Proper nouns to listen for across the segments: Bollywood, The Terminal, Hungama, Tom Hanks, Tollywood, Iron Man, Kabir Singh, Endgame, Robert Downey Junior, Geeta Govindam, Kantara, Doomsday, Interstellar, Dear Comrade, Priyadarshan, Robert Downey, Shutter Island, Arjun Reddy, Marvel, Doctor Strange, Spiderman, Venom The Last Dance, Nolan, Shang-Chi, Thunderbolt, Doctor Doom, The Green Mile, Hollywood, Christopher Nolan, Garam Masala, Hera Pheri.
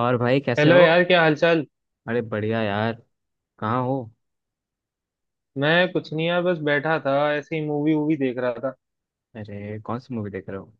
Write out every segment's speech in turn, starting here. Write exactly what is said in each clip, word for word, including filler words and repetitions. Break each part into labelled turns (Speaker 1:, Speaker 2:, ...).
Speaker 1: और भाई कैसे
Speaker 2: हेलो
Speaker 1: हो?
Speaker 2: यार, क्या हालचाल।
Speaker 1: अरे बढ़िया यार। कहाँ हो?
Speaker 2: मैं कुछ नहीं यार, बस बैठा था ऐसे ही मूवी वूवी देख रहा था।
Speaker 1: अरे कौन सी मूवी देख रहे हो?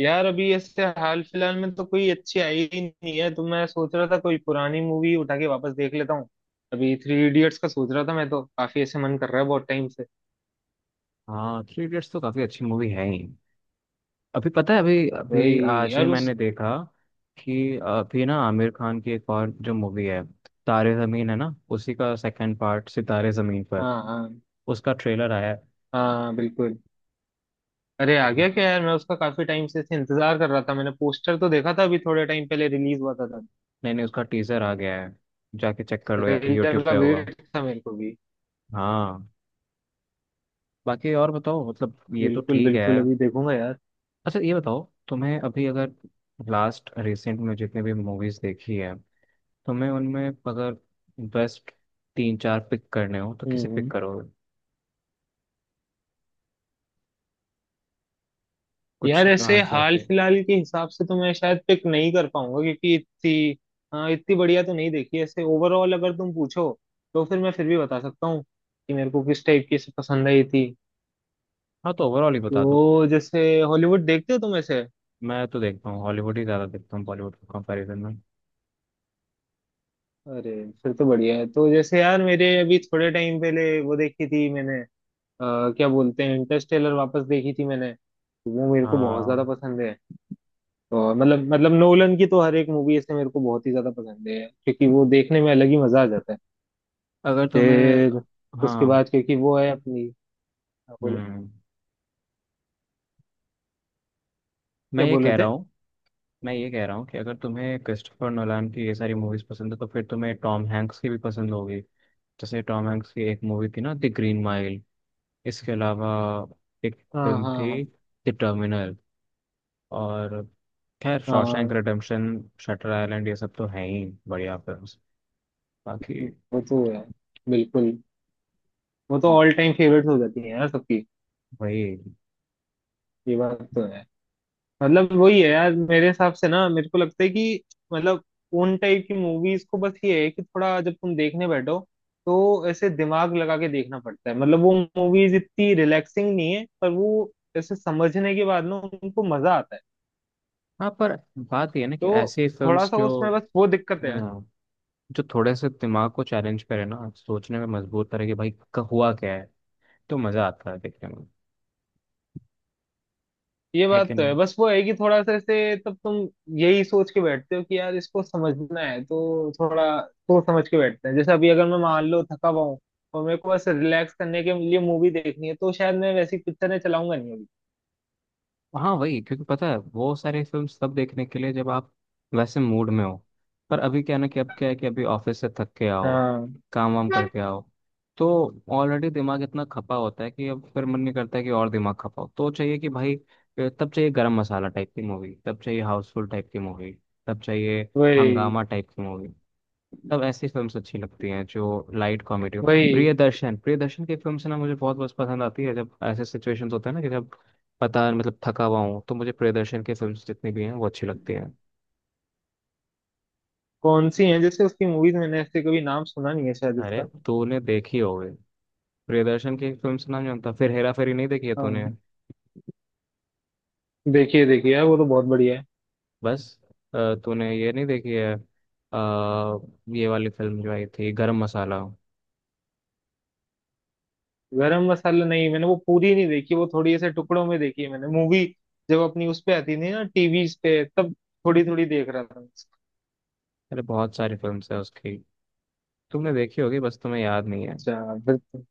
Speaker 2: यार अभी ऐसे हाल फिलहाल में तो कोई अच्छी आई ही नहीं है, तो मैं सोच रहा था कोई पुरानी मूवी उठा के वापस देख लेता हूँ। अभी थ्री इडियट्स का सोच रहा था मैं तो, काफी ऐसे मन कर रहा है बहुत टाइम से।
Speaker 1: हाँ, थ्री इडियट्स तो काफी अच्छी मूवी है ही। अभी पता है, अभी अभी
Speaker 2: वही
Speaker 1: आज ही
Speaker 2: यार, उस...
Speaker 1: मैंने देखा कि अभी ना आमिर खान की एक और जो मूवी है तारे जमीन है ना, उसी का सेकंड पार्ट सितारे जमीन पर,
Speaker 2: हाँ हाँ
Speaker 1: उसका ट्रेलर आया है।
Speaker 2: हाँ, बिल्कुल। अरे आ गया क्या यार? मैं उसका काफी टाइम से ऐसे इंतजार कर रहा था, मैंने पोस्टर तो देखा था, अभी थोड़े टाइम पहले रिलीज हुआ था।
Speaker 1: नहीं नहीं, उसका टीजर आ गया है। जाके चेक कर लो यार,
Speaker 2: ट्रेलर
Speaker 1: यूट्यूब
Speaker 2: का
Speaker 1: पे होगा।
Speaker 2: वेट था मेरे को भी।
Speaker 1: हाँ। बाकी और बताओ, मतलब ये तो
Speaker 2: बिल्कुल
Speaker 1: ठीक है।
Speaker 2: बिल्कुल, अभी देखूंगा यार।
Speaker 1: अच्छा ये बताओ, तुम्हें अभी अगर लास्ट रिसेंट में जितने भी मूवीज देखी है, तुम्हें उनमें अगर बेस्ट तीन चार पिक करने हो तो
Speaker 2: हम्म
Speaker 1: किसे पिक
Speaker 2: हम्म।
Speaker 1: करोगे? कुछ
Speaker 2: यार
Speaker 1: जो हाँ
Speaker 2: ऐसे
Speaker 1: class
Speaker 2: हाल
Speaker 1: हो।
Speaker 2: फिलहाल के हिसाब से तो मैं शायद पिक नहीं कर पाऊंगा क्योंकि इतनी... हाँ इतनी बढ़िया तो नहीं देखी ऐसे, ओवरऑल अगर तुम पूछो तो फिर मैं फिर भी बता सकता हूँ कि मेरे को किस टाइप की ऐसे पसंद आई थी।
Speaker 1: हाँ तो ओवरऑल ही बता दो।
Speaker 2: तो जैसे, हॉलीवुड देखते हो तुम ऐसे?
Speaker 1: मैं तो देखता हूँ, हॉलीवुड ही ज़्यादा देखता हूँ बॉलीवुड के कंपैरिजन में।
Speaker 2: अरे फिर तो बढ़िया है, तो जैसे यार मेरे अभी थोड़े टाइम पहले वो देखी थी मैंने, अ, क्या बोलते हैं, इंटरस्टेलर वापस देखी थी मैंने, तो वो मेरे को बहुत ज्यादा
Speaker 1: हाँ,
Speaker 2: पसंद है। और मतलब मतलब नोलन की तो हर एक मूवी ऐसे मेरे को बहुत ही ज्यादा पसंद है, क्योंकि वो देखने में अलग ही मजा आ जाता है।
Speaker 1: अगर तुम्हें।
Speaker 2: फिर उसके
Speaker 1: हाँ।
Speaker 2: बाद क्योंकि वो है अपनी... क्या बोले?
Speaker 1: हम्म मैं
Speaker 2: क्या
Speaker 1: ये
Speaker 2: बोले
Speaker 1: कह रहा
Speaker 2: थे?
Speaker 1: हूँ। मैं ये कह रहा हूँ कि अगर तुम्हें क्रिस्टोफर नोलान की ये सारी मूवीज पसंद है तो फिर तुम्हें टॉम हैंक्स की भी पसंद होगी। जैसे टॉम हैंक्स की एक मूवी थी ना, द ग्रीन माइल। इसके अलावा एक
Speaker 2: हाँ
Speaker 1: फिल्म
Speaker 2: हाँ
Speaker 1: थी
Speaker 2: हाँ
Speaker 1: द टर्मिनल, और खैर शॉशैंक
Speaker 2: हाँ,
Speaker 1: रिडेम्पशन, शटर आइलैंड, ये सब तो हैं ही बढ़िया फिल्म्स। बाकी
Speaker 2: वो तो है बिल्कुल। वो तो ऑल टाइम फेवरेट हो जाती है यार सबकी।
Speaker 1: वही।
Speaker 2: ये बात तो है। मतलब वही है यार, मेरे हिसाब से ना मेरे को लगता है कि, मतलब उन टाइप की मूवीज को बस ये है कि थोड़ा जब तुम देखने बैठो तो ऐसे दिमाग लगा के देखना पड़ता है, मतलब वो मूवीज इतनी रिलैक्सिंग नहीं है, पर वो ऐसे समझने के बाद ना उनको मजा आता है।
Speaker 1: हाँ पर बात ये है ना कि
Speaker 2: तो
Speaker 1: ऐसी
Speaker 2: थोड़ा
Speaker 1: फिल्म्स
Speaker 2: सा
Speaker 1: जो
Speaker 2: उसमें बस वो दिक्कत है।
Speaker 1: हाँ, जो थोड़े से दिमाग को चैलेंज करे ना, सोचने में मजबूर करे कि भाई क- हुआ क्या है, तो मजा आता है देखने में।
Speaker 2: ये
Speaker 1: है
Speaker 2: बात
Speaker 1: कि
Speaker 2: तो है, बस वो है कि थोड़ा सा ऐसे तब तुम यही सोच के बैठते हो कि यार इसको समझना है, तो थोड़ा सोच समझ के बैठते हैं। जैसे अभी अगर मैं मान लो थका हुआ हूँ और मेरे को बस रिलैक्स करने के लिए मूवी देखनी है, तो शायद मैं वैसी पिक्चरें चलाऊंगा नहीं अभी।
Speaker 1: हाँ वही, क्योंकि पता है वो सारे फिल्म्स तब देखने के लिए जब आप वैसे मूड में हो। पर अभी क्या ना कि अब क्या है कि अभी ऑफिस से थक के आओ,
Speaker 2: हाँ
Speaker 1: काम वाम करके आओ, तो ऑलरेडी दिमाग इतना खपा होता है कि अब फिर मन नहीं करता है कि और दिमाग खपाओ, तो चाहिए कि भाई अ, तब चाहिए गरम मसाला टाइप की मूवी, तब चाहिए हाउसफुल टाइप की मूवी, तब चाहिए
Speaker 2: वही।
Speaker 1: हंगामा टाइप की मूवी। तब ऐसी फिल्म्स अच्छी लगती हैं जो लाइट कॉमेडी हो।
Speaker 2: वही
Speaker 1: प्रियदर्शन प्रियदर्शन की फिल्म से ना मुझे बहुत बहुत पसंद आती है जब ऐसे सिचुएशंस होते हैं ना कि जब पता मतलब थका हुआ हूँ तो मुझे प्रियदर्शन की फिल्म्स जितनी भी हैं वो अच्छी लगती हैं।
Speaker 2: कौन सी है जैसे उसकी मूवीज? मैंने ऐसे कभी नाम सुना नहीं है शायद
Speaker 1: अरे
Speaker 2: इसका।
Speaker 1: तूने देखी होगी, प्रियदर्शन की फिल्म्स नाम जानता फिर, हेरा फेरी नहीं देखी है तूने?
Speaker 2: हाँ। देखिए देखिए यार, वो तो बहुत बढ़िया है।
Speaker 1: बस, अ, तूने ये नहीं देखी है, अ, ये वाली फिल्म जो आई थी गरम मसाला।
Speaker 2: गरम मसाला नहीं मैंने वो पूरी नहीं देखी, वो थोड़ी ऐसे टुकड़ों में देखी है मैंने मूवी, जब अपनी उस पे आती थी ना टीवी पे, तब थोड़ी थोड़ी देख रहा था।
Speaker 1: अरे बहुत सारी फिल्म्स है उसकी, तुमने देखी होगी बस तुम्हें याद नहीं है।
Speaker 2: अच्छा फिर तो-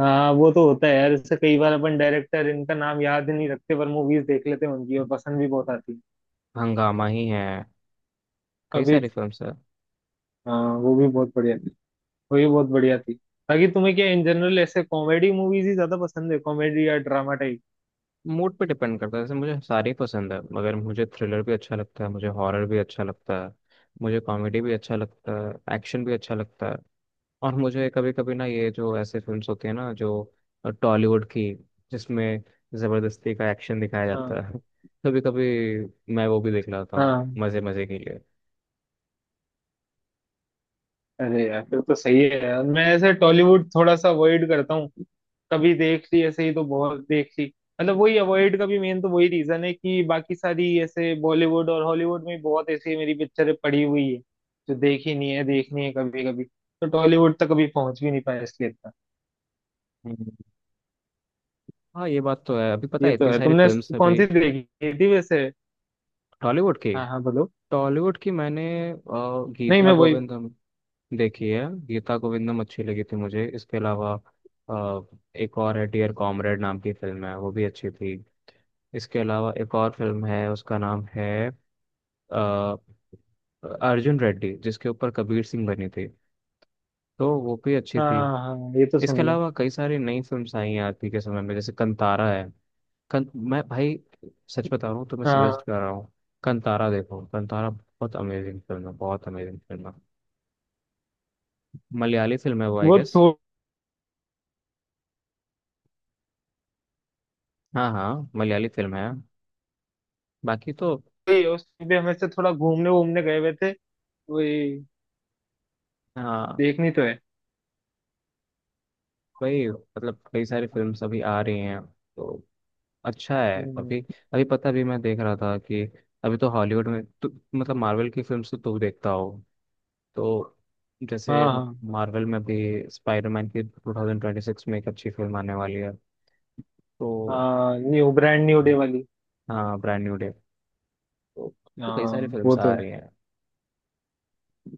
Speaker 2: हाँ वो तो होता है यार, इससे कई बार अपन डायरेक्टर इनका नाम याद नहीं रखते, पर मूवीज देख लेते हैं उनकी और पसंद भी बहुत आती है।
Speaker 1: हंगामा ही है, कई
Speaker 2: अभी...
Speaker 1: सारी फिल्म्स है।
Speaker 2: हाँ वो भी बहुत बढ़िया थी। वो भी बहुत बढ़िया थी। बाकी तुम्हें क्या इन जनरल ऐसे कॉमेडी मूवीज ही ज्यादा पसंद है, कॉमेडी या ड्रामा टाइप?
Speaker 1: मूड पे डिपेंड करता है, जैसे मुझे सारी पसंद है, मगर मुझे थ्रिलर भी अच्छा लगता है, मुझे हॉरर भी अच्छा लगता है, मुझे कॉमेडी भी अच्छा लगता है, एक्शन भी अच्छा लगता है। और मुझे कभी कभी ना ये जो ऐसे फिल्म्स होती है ना जो टॉलीवुड की, जिसमें जबरदस्ती का एक्शन दिखाया जाता
Speaker 2: हाँ
Speaker 1: है कभी कभी मैं वो भी देख लेता हूँ
Speaker 2: हाँ।
Speaker 1: मजे मजे के लिए।
Speaker 2: अरे यार फिर तो सही है, यार मैं ऐसे टॉलीवुड थोड़ा सा अवॉइड करता हूँ, कभी देख ली ऐसे ही तो बहुत देख ली। मतलब वही अवॉइड का भी मेन तो वही रीजन है कि बाकी सारी ऐसे बॉलीवुड और हॉलीवुड में बहुत ऐसी मेरी पिक्चरें पड़ी हुई है जो देखी नहीं है, देखनी है, कभी कभी तो टॉलीवुड तक कभी पहुंच भी नहीं पाया, इसलिए इतना...
Speaker 1: हम्म। हाँ ये बात तो है, अभी पता
Speaker 2: ये
Speaker 1: है
Speaker 2: तो
Speaker 1: इतनी
Speaker 2: है।
Speaker 1: सारी
Speaker 2: तुमने
Speaker 1: फिल्म्स
Speaker 2: कौन
Speaker 1: अभी।
Speaker 2: सी देखी थी वैसे?
Speaker 1: टॉलीवुड की।
Speaker 2: हाँ हाँ बोलो।
Speaker 1: टॉलीवुड की मैंने अ,
Speaker 2: नहीं
Speaker 1: गीता
Speaker 2: मैं वही...
Speaker 1: गोविंदम देखिए। गीता गोविंदम अच्छी लगी थी मुझे, इसके अलावा अ, एक और है डियर कॉमरेड नाम की फिल्म है, वो भी अच्छी थी। इसके अलावा एक और फिल्म है उसका नाम है अ, अर्जुन रेड्डी, जिसके ऊपर कबीर सिंह बनी थी, तो वो भी अच्छी थी।
Speaker 2: हाँ हाँ, ये तो
Speaker 1: इसके
Speaker 2: सुनिए।
Speaker 1: अलावा कई सारी नई फिल्म्स आई हैं आज के समय में, जैसे कंतारा है। कं, मैं भाई सच बता रहा हूँ, तुम्हें
Speaker 2: हाँ
Speaker 1: सजेस्ट कर रहा हूँ, कंतारा देखो, कंतारा बहुत अमेजिंग फिल्म है, बहुत अमेजिंग फिल्म है। मलयाली फिल्म है वो आई
Speaker 2: वो
Speaker 1: गेस।
Speaker 2: थोड़ी...
Speaker 1: हाँ हाँ मलयाली फिल्म है। बाकी तो
Speaker 2: उस पे हम ऐसे थोड़ा घूमने घूमने गए हुए थे। वही।
Speaker 1: हाँ
Speaker 2: देखनी तो है।
Speaker 1: वही, मतलब कई सारी फिल्म्स अभी आ रही हैं तो अच्छा है
Speaker 2: हम्म,
Speaker 1: अभी। अभी पता भी मैं देख रहा था कि अभी तो हॉलीवुड में तो, मतलब मार्वल की फिल्म्स तो तू देखता हो तो जैसे
Speaker 2: हाँ हाँ।
Speaker 1: मार्वल में भी स्पाइडरमैन की ट्वेंटी ट्वेंटी सिक्स में एक अच्छी फिल्म आने वाली है तो
Speaker 2: हाँ न्यू ब्रांड न्यू डे वाली।
Speaker 1: हाँ ब्रांड न्यू डे, तो, तो कई सारी
Speaker 2: हाँ वो
Speaker 1: फिल्म्स
Speaker 2: तो
Speaker 1: आ
Speaker 2: है।
Speaker 1: रही हैं।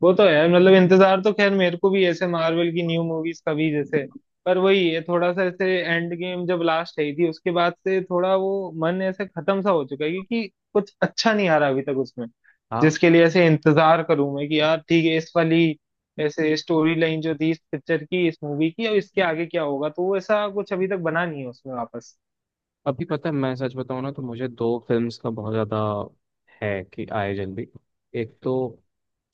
Speaker 2: वो तो है, मतलब इंतजार तो खैर मेरे को भी ऐसे मार्वल की न्यू मूवीज का भी जैसे, पर वही है थोड़ा सा ऐसे, एंड गेम जब लास्ट आई थी उसके बाद से थोड़ा वो मन ऐसे खत्म सा हो चुका है, क्योंकि कुछ अच्छा नहीं आ रहा अभी तक उसमें
Speaker 1: हाँ
Speaker 2: जिसके लिए ऐसे इंतजार करूं मैं कि यार ठीक है इस वाली ऐसे स्टोरी लाइन जो थी इस पिक्चर की, इस मूवी की, अब इसके आगे क्या होगा, तो वो ऐसा कुछ अभी तक बना नहीं है उसमें वापस।
Speaker 1: अभी पता है, मैं सच बताऊं ना तो मुझे दो फिल्म्स का बहुत ज़्यादा है कि आए जल्दी। एक तो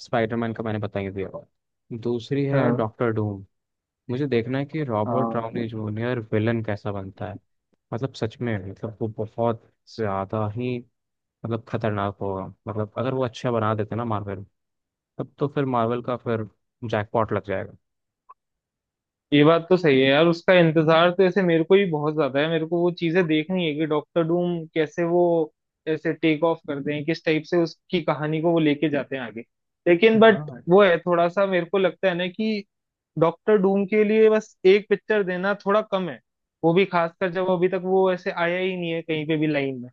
Speaker 1: स्पाइडरमैन का मैंने बता ही दिया, दूसरी है
Speaker 2: हाँ
Speaker 1: डॉक्टर डूम। मुझे देखना है कि रॉबर्ट
Speaker 2: हाँ।
Speaker 1: डाउनी जूनियर विलन कैसा बनता है। मतलब सच में, मतलब वो बहुत ज़्यादा ही, मतलब खतरनाक होगा, मतलब अगर वो अच्छा बना देते ना मार्वल, तब तो फिर मार्वल का फिर जैकपॉट लग जाएगा।
Speaker 2: ये बात तो सही है यार, उसका इंतजार तो ऐसे मेरे को ही बहुत ज्यादा है, मेरे को वो चीजें देखनी है कि डॉक्टर डूम कैसे, वो ऐसे टेक ऑफ करते हैं, किस टाइप से उसकी कहानी को वो लेके जाते हैं आगे। लेकिन बट
Speaker 1: हाँ
Speaker 2: वो है थोड़ा सा, मेरे को लगता है ना कि डॉक्टर डूम के लिए बस एक पिक्चर देना थोड़ा कम है, वो भी खासकर जब अभी तक वो ऐसे आया ही नहीं है कहीं पे भी लाइन में।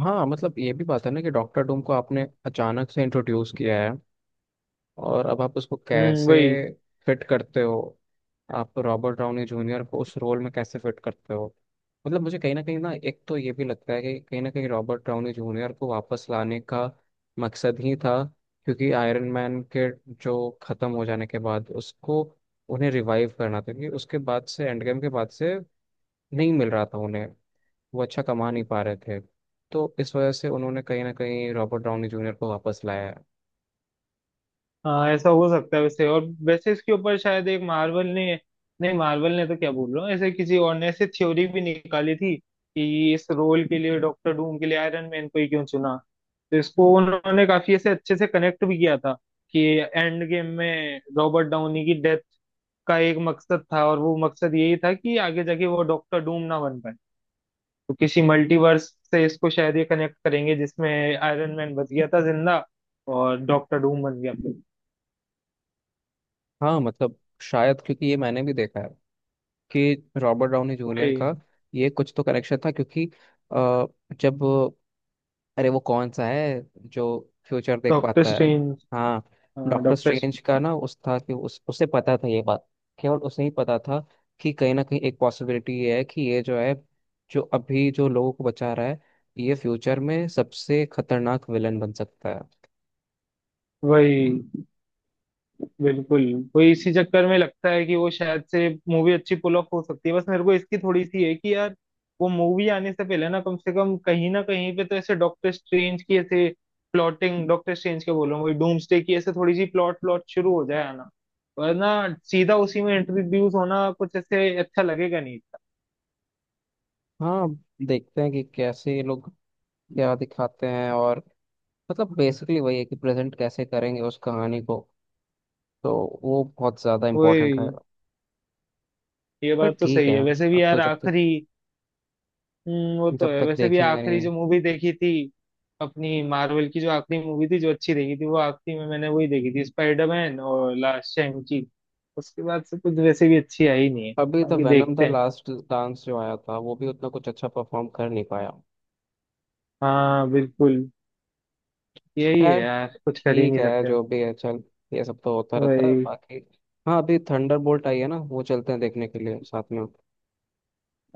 Speaker 1: हाँ, मतलब ये भी बात है ना कि डॉक्टर डूम को आपने अचानक से इंट्रोड्यूस किया है, और अब आप उसको
Speaker 2: हम्म
Speaker 1: कैसे
Speaker 2: वही।
Speaker 1: फिट करते हो? आप रॉबर्ट डाउनी जूनियर को उस रोल में कैसे फिट करते हो? मतलब मुझे कहीं ना कहीं ना एक तो ये भी लगता है कि कहीं ना कहीं रॉबर्ट डाउनी जूनियर को वापस लाने का मकसद ही था। क्योंकि आयरन मैन के जो खत्म हो जाने के बाद उसको उन्हें रिवाइव करना था, क्योंकि उसके बाद से एंड गेम के बाद से नहीं मिल रहा था उन्हें, वो अच्छा कमा नहीं पा रहे थे, तो इस वजह से उन्होंने कहीं ना कहीं रॉबर्ट डाउनी जूनियर को वापस लाया है।
Speaker 2: हाँ ऐसा हो सकता है वैसे, और वैसे इसके ऊपर शायद एक, मार्वल ने, नहीं मार्वल ने तो क्या बोल रहा हूँ, ऐसे किसी और ने ऐसे थ्योरी भी निकाली थी कि इस रोल के लिए, डॉक्टर डूम के लिए आयरन मैन को ही क्यों चुना, तो इसको उन्होंने काफी ऐसे अच्छे से कनेक्ट भी किया था कि एंड गेम में रॉबर्ट डाउनी की डेथ का एक मकसद था, और वो मकसद यही था कि आगे जाके वो डॉक्टर डूम ना बन पाए, तो किसी मल्टीवर्स से इसको शायद ये कनेक्ट करेंगे जिसमें आयरन मैन बच गया था जिंदा, और डॉक्टर डूम बन गया।
Speaker 1: हाँ मतलब शायद, क्योंकि ये मैंने भी देखा है कि रॉबर्ट डाउनी जूनियर का ये कुछ तो कनेक्शन था। क्योंकि अ, जब, अरे वो कौन सा है जो फ्यूचर देख
Speaker 2: डॉक्टर
Speaker 1: पाता है?
Speaker 2: स्ट्रेंज।
Speaker 1: हाँ,
Speaker 2: हाँ,
Speaker 1: डॉक्टर
Speaker 2: डॉक्टर...
Speaker 1: स्ट्रेंज का ना उस था कि उस उसे पता था ये बात, केवल उसे ही पता था कि कहीं ना कहीं एक पॉसिबिलिटी ये है कि ये जो है, जो अभी जो लोगों को बचा रहा है, ये फ्यूचर में सबसे खतरनाक विलन बन सकता है।
Speaker 2: वही, बिल्कुल। वही इसी चक्कर में लगता है कि वो शायद से मूवी अच्छी पुल ऑफ हो सकती है, बस मेरे को इसकी थोड़ी सी है कि यार, वो मूवी आने से पहले ना कम से कम कहीं ना कहीं पे तो ऐसे डॉक्टर स्ट्रेंज की ऐसे प्लॉटिंग, डॉक्टर स्ट्रेंज के बोल रहा हूँ, वही डूम्सडे की ऐसे थोड़ी सी प्लॉट प्लॉट शुरू हो जाए आना, वरना सीधा उसी में इंट्रोड्यूस होना कुछ ऐसे अच्छा लगेगा नहीं था।
Speaker 1: हाँ, देखते हैं कि कैसे ये लोग क्या दिखाते हैं, और मतलब बेसिकली वही है कि प्रेजेंट कैसे करेंगे उस कहानी को, तो वो बहुत ज़्यादा इम्पोर्टेंट
Speaker 2: वही।
Speaker 1: रहेगा।
Speaker 2: ये
Speaker 1: पर
Speaker 2: बात तो
Speaker 1: ठीक
Speaker 2: सही
Speaker 1: है,
Speaker 2: है वैसे
Speaker 1: अब
Speaker 2: भी
Speaker 1: तो
Speaker 2: यार,
Speaker 1: जब तक
Speaker 2: आखिरी... हम्म, वो तो
Speaker 1: जब
Speaker 2: है,
Speaker 1: तक
Speaker 2: वैसे भी
Speaker 1: देखेंगे
Speaker 2: आखिरी
Speaker 1: नहीं।
Speaker 2: जो मूवी देखी थी, अपनी मार्वल की जो आखिरी मूवी थी जो अच्छी देखी थी, वो आखिरी में मैंने वही देखी थी, स्पाइडरमैन और लास्ट शैंग-ची। उसके बाद से कुछ वैसे भी अच्छी आई नहीं है।
Speaker 1: अभी तो
Speaker 2: बाकी
Speaker 1: वैनम द
Speaker 2: देखते हैं।
Speaker 1: लास्ट डांस जो आया था वो भी उतना कुछ अच्छा परफॉर्म कर नहीं पाया।
Speaker 2: हाँ बिल्कुल। यही है
Speaker 1: खैर
Speaker 2: यार, कुछ कर ही
Speaker 1: ठीक
Speaker 2: नहीं
Speaker 1: है
Speaker 2: सकते अब।
Speaker 1: जो भी है चल, ये सब तो होता रहता है
Speaker 2: वही।
Speaker 1: बाकी। हाँ अभी थंडरबोल्ट आई है ना, वो चलते हैं देखने के लिए साथ में।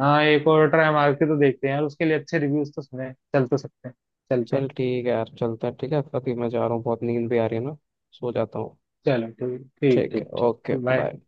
Speaker 2: हाँ एक और ट्राई मार के तो देखते हैं यार, उसके लिए अच्छे रिव्यूज तो सुने हैं। चल तो सकते हैं, चलते हैं।
Speaker 1: चल ठीक है यार, चलते हैं, ठीक है अभी मैं जा रहा हूँ, बहुत नींद भी आ रही है ना, सो जाता हूँ।
Speaker 2: चलो, ठीक ठीक
Speaker 1: ठीक है,
Speaker 2: ठीक ठीक।
Speaker 1: Okay,
Speaker 2: bye.
Speaker 1: बाय।